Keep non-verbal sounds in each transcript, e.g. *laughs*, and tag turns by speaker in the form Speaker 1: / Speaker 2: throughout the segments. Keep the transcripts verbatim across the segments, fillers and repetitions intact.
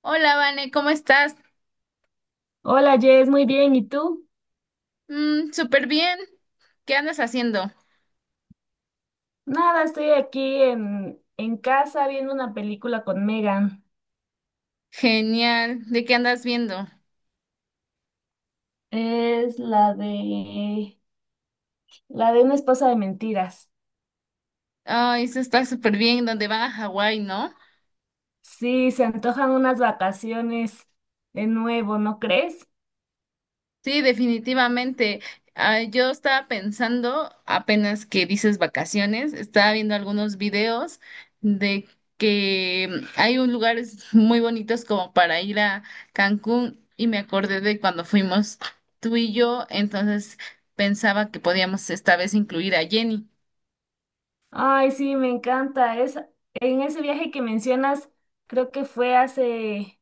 Speaker 1: Hola, Vane, ¿cómo estás?
Speaker 2: Hola Jess, muy bien. ¿Y tú?
Speaker 1: Mm, súper bien. ¿Qué andas haciendo?
Speaker 2: Nada, estoy aquí en, en casa viendo una película con Megan.
Speaker 1: Genial. ¿De qué andas viendo?
Speaker 2: Es la de la de una esposa de mentiras.
Speaker 1: Ay, eso está súper bien, donde van a Hawái, ¿no?
Speaker 2: Sí, se antojan unas vacaciones de nuevo, ¿no crees?
Speaker 1: Sí, definitivamente. Ah, yo estaba pensando, apenas que dices vacaciones, estaba viendo algunos videos de que hay un lugares muy bonitos como para ir a Cancún y me acordé de cuando fuimos tú y yo, entonces pensaba que podíamos esta vez incluir a Jenny.
Speaker 2: Ay, sí, me encanta. Es, en ese viaje que mencionas, creo que fue hace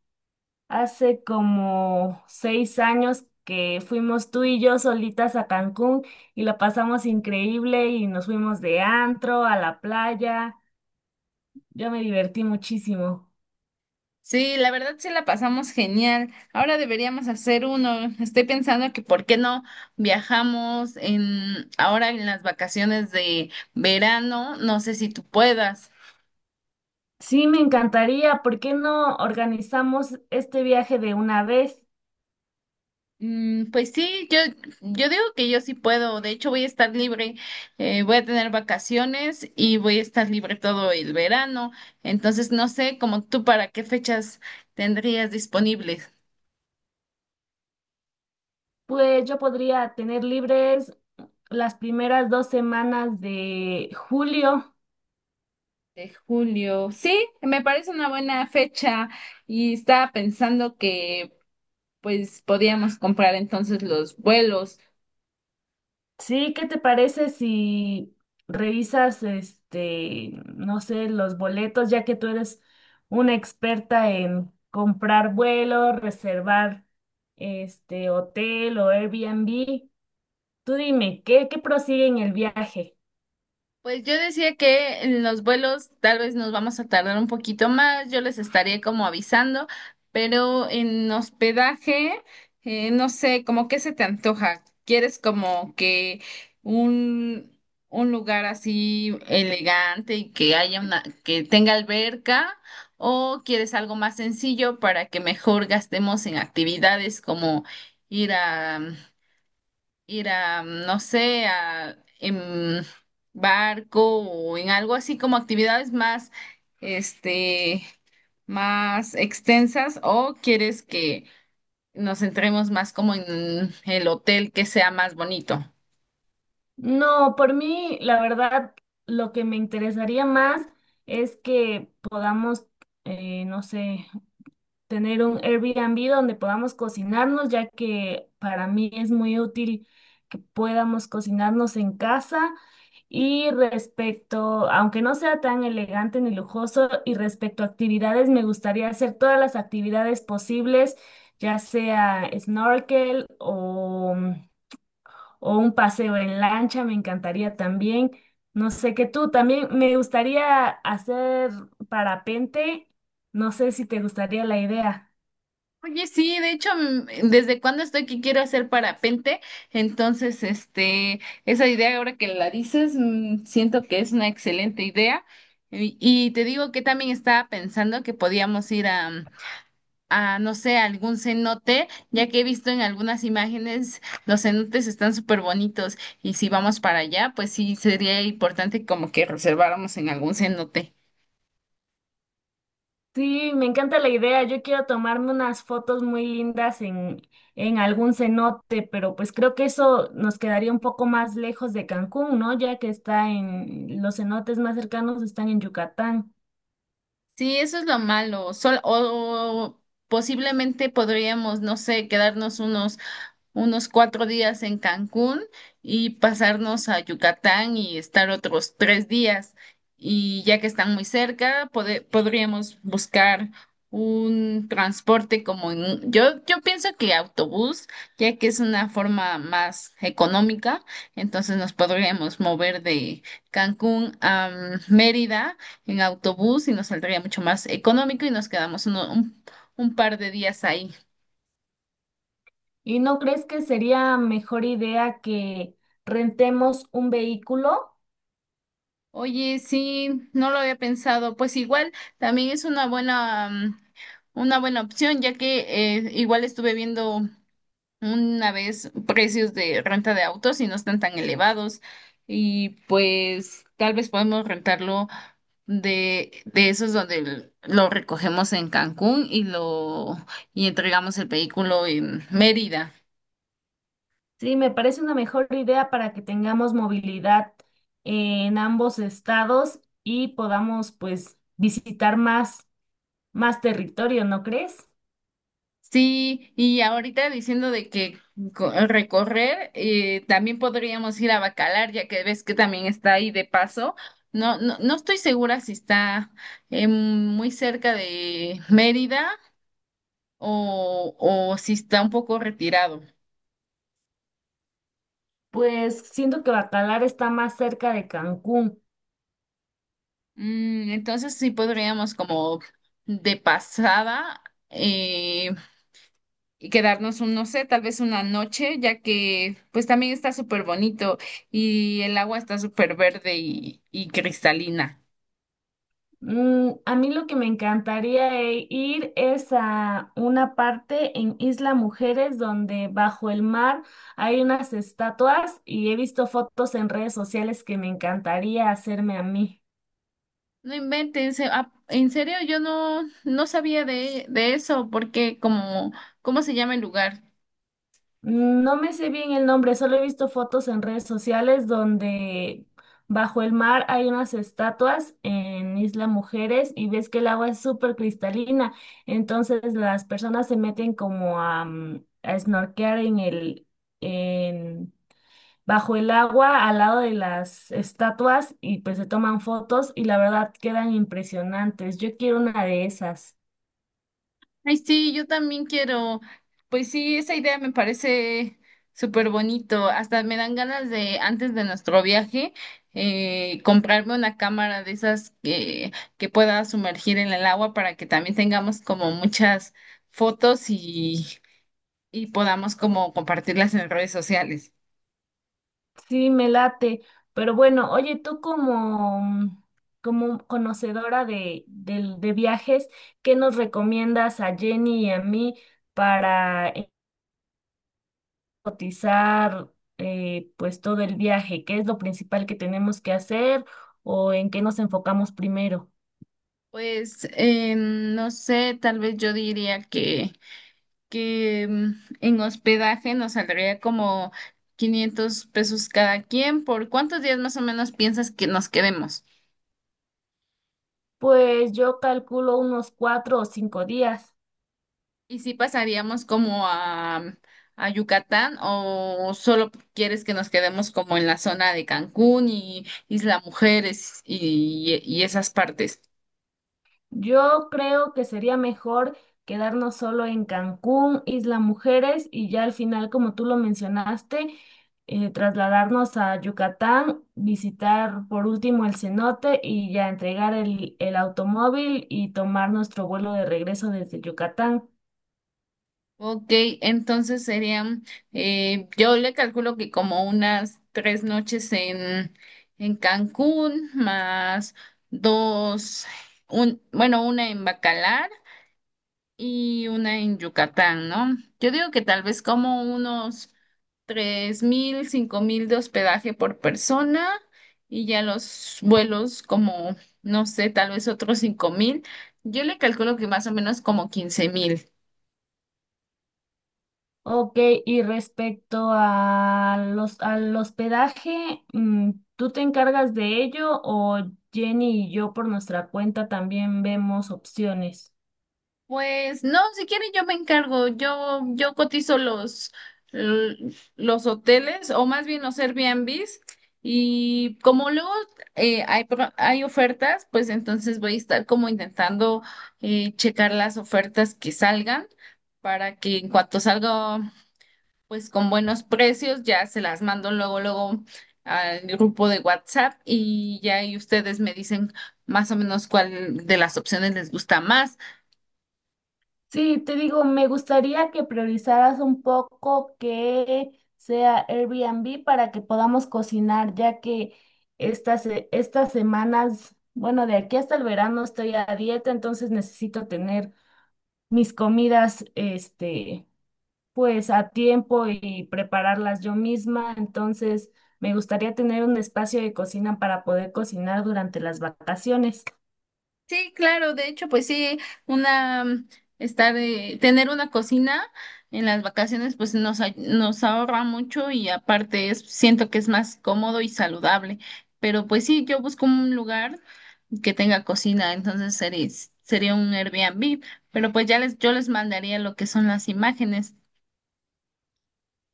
Speaker 2: hace como seis años que fuimos tú y yo solitas a Cancún y la pasamos increíble y nos fuimos de antro a la playa. Yo me divertí muchísimo.
Speaker 1: Sí, la verdad sí la pasamos genial. Ahora deberíamos hacer uno. Estoy pensando que por qué no viajamos en ahora en las vacaciones de verano. No sé si tú puedas.
Speaker 2: Sí, me encantaría. ¿Por qué no organizamos este viaje de una vez?
Speaker 1: Mm, pues sí, yo, yo digo que yo sí puedo. De hecho, voy a estar libre. Eh, voy a tener vacaciones y voy a estar libre todo el verano. Entonces, no sé, como tú, ¿para qué fechas tendrías disponibles?
Speaker 2: Pues yo podría tener libres las primeras dos semanas de julio.
Speaker 1: De julio. Sí, me parece una buena fecha y estaba pensando que pues podíamos comprar entonces los vuelos.
Speaker 2: Sí, ¿qué te parece si revisas, este, no sé, los boletos, ya que tú eres una experta en comprar vuelos, reservar, este, hotel o Airbnb? Tú dime, ¿qué, qué prosigue en el viaje?
Speaker 1: Pues yo decía que en los vuelos tal vez nos vamos a tardar un poquito más, yo les estaría como avisando, pero en hospedaje, eh, no sé, como qué se te antoja. ¿Quieres como que un, un lugar así elegante y que haya una, que tenga alberca? ¿O quieres algo más sencillo para que mejor gastemos en actividades como ir a ir a, no sé, a, en barco o en algo así como actividades más, este, más extensas o quieres que nos centremos más como en el hotel que sea más bonito?
Speaker 2: No, por mí, la verdad, lo que me interesaría más es que podamos, eh, no sé, tener un Airbnb donde podamos cocinarnos, ya que para mí es muy útil que podamos cocinarnos en casa. Y respecto, aunque no sea tan elegante ni lujoso, y respecto a actividades, me gustaría hacer todas las actividades posibles, ya sea snorkel o, o un paseo en lancha, me encantaría también. No sé, que tú también me gustaría hacer parapente, no sé si te gustaría la idea.
Speaker 1: Oye, sí, de hecho, mm, desde cuando estoy que quiero hacer parapente, entonces, este, esa idea ahora que la dices, mm, siento que es una excelente idea. Y, y te digo que también estaba pensando que podíamos ir a, a, no sé, a algún cenote, ya que he visto en algunas imágenes los cenotes están súper bonitos y si vamos para allá, pues sí sería importante como que reserváramos en algún cenote.
Speaker 2: Sí, me encanta la idea. Yo quiero tomarme unas fotos muy lindas en, en algún cenote, pero pues creo que eso nos quedaría un poco más lejos de Cancún, ¿no? Ya que está en los cenotes más cercanos están en Yucatán.
Speaker 1: Sí, eso es lo malo. Sol- o, o posiblemente podríamos, no sé, quedarnos unos unos cuatro días en Cancún y pasarnos a Yucatán y estar otros tres días. Y ya que están muy cerca, pode- podríamos buscar un transporte como en, un- yo, yo pienso que autobús, ya que es una forma más económica, entonces nos podríamos mover de Cancún a mm, Mérida en autobús y nos saldría mucho más económico y nos quedamos uno- un un par de días ahí.
Speaker 2: ¿Y no crees que sería mejor idea que rentemos un vehículo?
Speaker 1: Oye, sí, no lo había pensado. Pues igual también es una buena, mm, una buena opción, ya que eh, igual estuve viendo una vez precios de renta de autos y no están tan elevados. Y pues tal vez podemos rentarlo de, de esos donde l- lo recogemos en Cancún y lo y entregamos el vehículo en Mérida.
Speaker 2: Sí, me parece una mejor idea para que tengamos movilidad en ambos estados y podamos pues visitar más, más territorio, ¿no crees?
Speaker 1: Sí, y ahorita diciendo de que co- recorrer, eh, también podríamos ir a Bacalar, ya que ves que también está ahí de paso. No, no, no estoy segura si está eh, muy cerca de Mérida o, o si está un poco retirado.
Speaker 2: Pues siento que Bacalar está más cerca de Cancún.
Speaker 1: Mm, entonces sí podríamos como de pasada eh, y quedarnos un, no sé, tal vez una noche, ya que pues también está súper bonito y el agua está súper verde y, y cristalina.
Speaker 2: Mm, a mí lo que me encantaría e- ir es a una parte en Isla Mujeres donde bajo el mar hay unas estatuas y he visto fotos en redes sociales que me encantaría hacerme a mí.
Speaker 1: No inventen, se- ah, en serio, yo no, no sabía de, de eso, porque como, ¿cómo se llama el lugar?
Speaker 2: No me sé bien el nombre, solo he visto fotos en redes sociales donde bajo el mar hay unas estatuas en Isla Mujeres y ves que el agua es súper cristalina, entonces las personas se meten como a, mm, a snorkear en el, en, bajo el agua al lado de las estatuas y pues se toman fotos y la verdad quedan impresionantes. Yo quiero una de esas.
Speaker 1: Ay, sí, yo también quiero. Pues sí, esa idea me parece súper bonito. Hasta me dan ganas de, antes de nuestro viaje, eh, comprarme una cámara de esas que, que pueda sumergir en el agua para que también tengamos como muchas fotos y, y podamos como compartirlas en redes sociales.
Speaker 2: Sí, me late. Pero bueno, oye, tú como, mm, como conocedora de, del- de viajes, ¿qué nos recomiendas a Jenny y a mí para eh, cotizar, eh, pues todo el viaje? ¿Qué es lo principal que tenemos que hacer o en qué nos enfocamos primero?
Speaker 1: Pues eh, no sé, tal vez yo diría que... que mm, en hospedaje nos saldría como quinientos pesos cada quien. ¿Por cuántos días más o menos piensas que nos quedemos?
Speaker 2: Pues yo calculo unos cuatro o cinco días.
Speaker 1: ¿Y si pasaríamos como a, mm, a Yucatán o solo quieres que nos quedemos como en la zona de Cancún y Isla Mujeres y, y esas partes?
Speaker 2: Yo creo que sería mejor quedarnos solo en Cancún, Isla Mujeres y ya al final, como tú lo mencionaste, eh, trasladarnos a Yucatán, visitar por último el cenote y ya entregar el, el automóvil y tomar nuestro vuelo de regreso desde Yucatán.
Speaker 1: Ok, entonces serían, eh, yo le calculo que como unas tres noches en, en Cancún, más dos, un, bueno, una en Bacalar y una en Yucatán, ¿no? Yo digo que tal vez como unos tres mil, cinco mil de hospedaje por persona y ya los vuelos como, no sé, tal vez otros cinco mil. Yo le calculo que más o menos como quince mil.
Speaker 2: Ok, y respecto a los, al hospedaje, mm, ¿tú te encargas de ello o Jenny y yo por nuestra cuenta también vemos opciones?
Speaker 1: Pues no, si quieren yo me encargo, yo, yo cotizo los, l- los hoteles o más bien los Airbnbs y como luego eh, hay, pro- hay ofertas, pues entonces voy a estar como intentando eh, checar las ofertas que salgan para que en cuanto salga pues con buenos precios ya se las mando luego, luego al grupo de WhatsApp y ya ahí ustedes me dicen más o menos cuál de las opciones les gusta más.
Speaker 2: Sí, te digo, me gustaría que priorizaras un poco que sea Airbnb para que podamos cocinar, ya que estas, se- estas semanas, bueno, de aquí hasta el verano estoy a dieta, entonces necesito tener mis comidas, este, pues a tiempo y prepararlas yo misma. Entonces, me gustaría tener un espacio de cocina para poder cocinar durante las vacaciones.
Speaker 1: Sí, claro, de hecho, pues sí, una mm, estar eh, tener una cocina en las vacaciones pues nos ay- nos ahorra mucho y aparte es, siento que es más cómodo y saludable. Pero pues sí, yo busco un lugar que tenga cocina, entonces sería sería un Airbnb, pero pues ya les yo les mandaría lo que son las imágenes.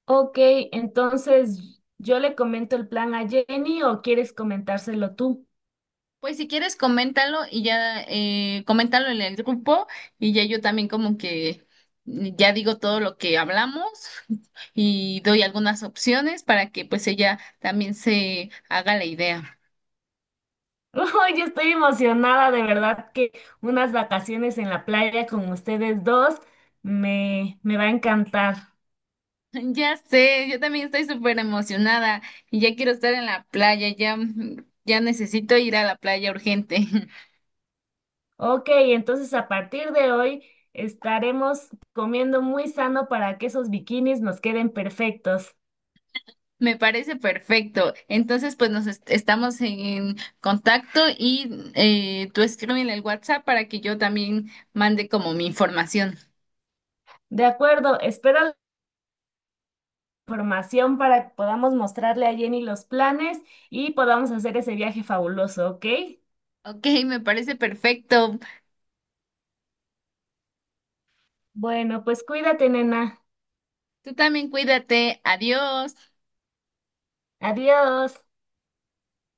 Speaker 2: Ok, entonces yo le comento el plan a Jenny o quieres comentárselo tú.
Speaker 1: Pues si quieres, coméntalo y ya, eh, coméntalo en el grupo y ya yo también como que ya digo todo lo que hablamos *laughs* y doy algunas opciones para que pues ella también se haga la idea. *laughs*
Speaker 2: *laughs* Ay, yo estoy emocionada, de verdad que unas vacaciones en la playa con ustedes dos me, me va a encantar.
Speaker 1: Ya sé, yo también estoy súper emocionada y ya quiero estar en la playa, ya, ya necesito ir a la playa urgente. *laughs*
Speaker 2: Ok, entonces a partir de hoy estaremos comiendo muy sano para que esos bikinis nos queden perfectos.
Speaker 1: Me parece perfecto. Entonces, pues nos est- estamos en contacto y eh, tú escríbeme el WhatsApp para que yo también mande como mi información.
Speaker 2: De acuerdo, espero la información para que podamos mostrarle a Jenny los planes y podamos hacer ese viaje fabuloso, ¿ok?
Speaker 1: Ok, me parece perfecto.
Speaker 2: Bueno, pues cuídate, nena.
Speaker 1: Tú también cuídate. Adiós.
Speaker 2: Adiós.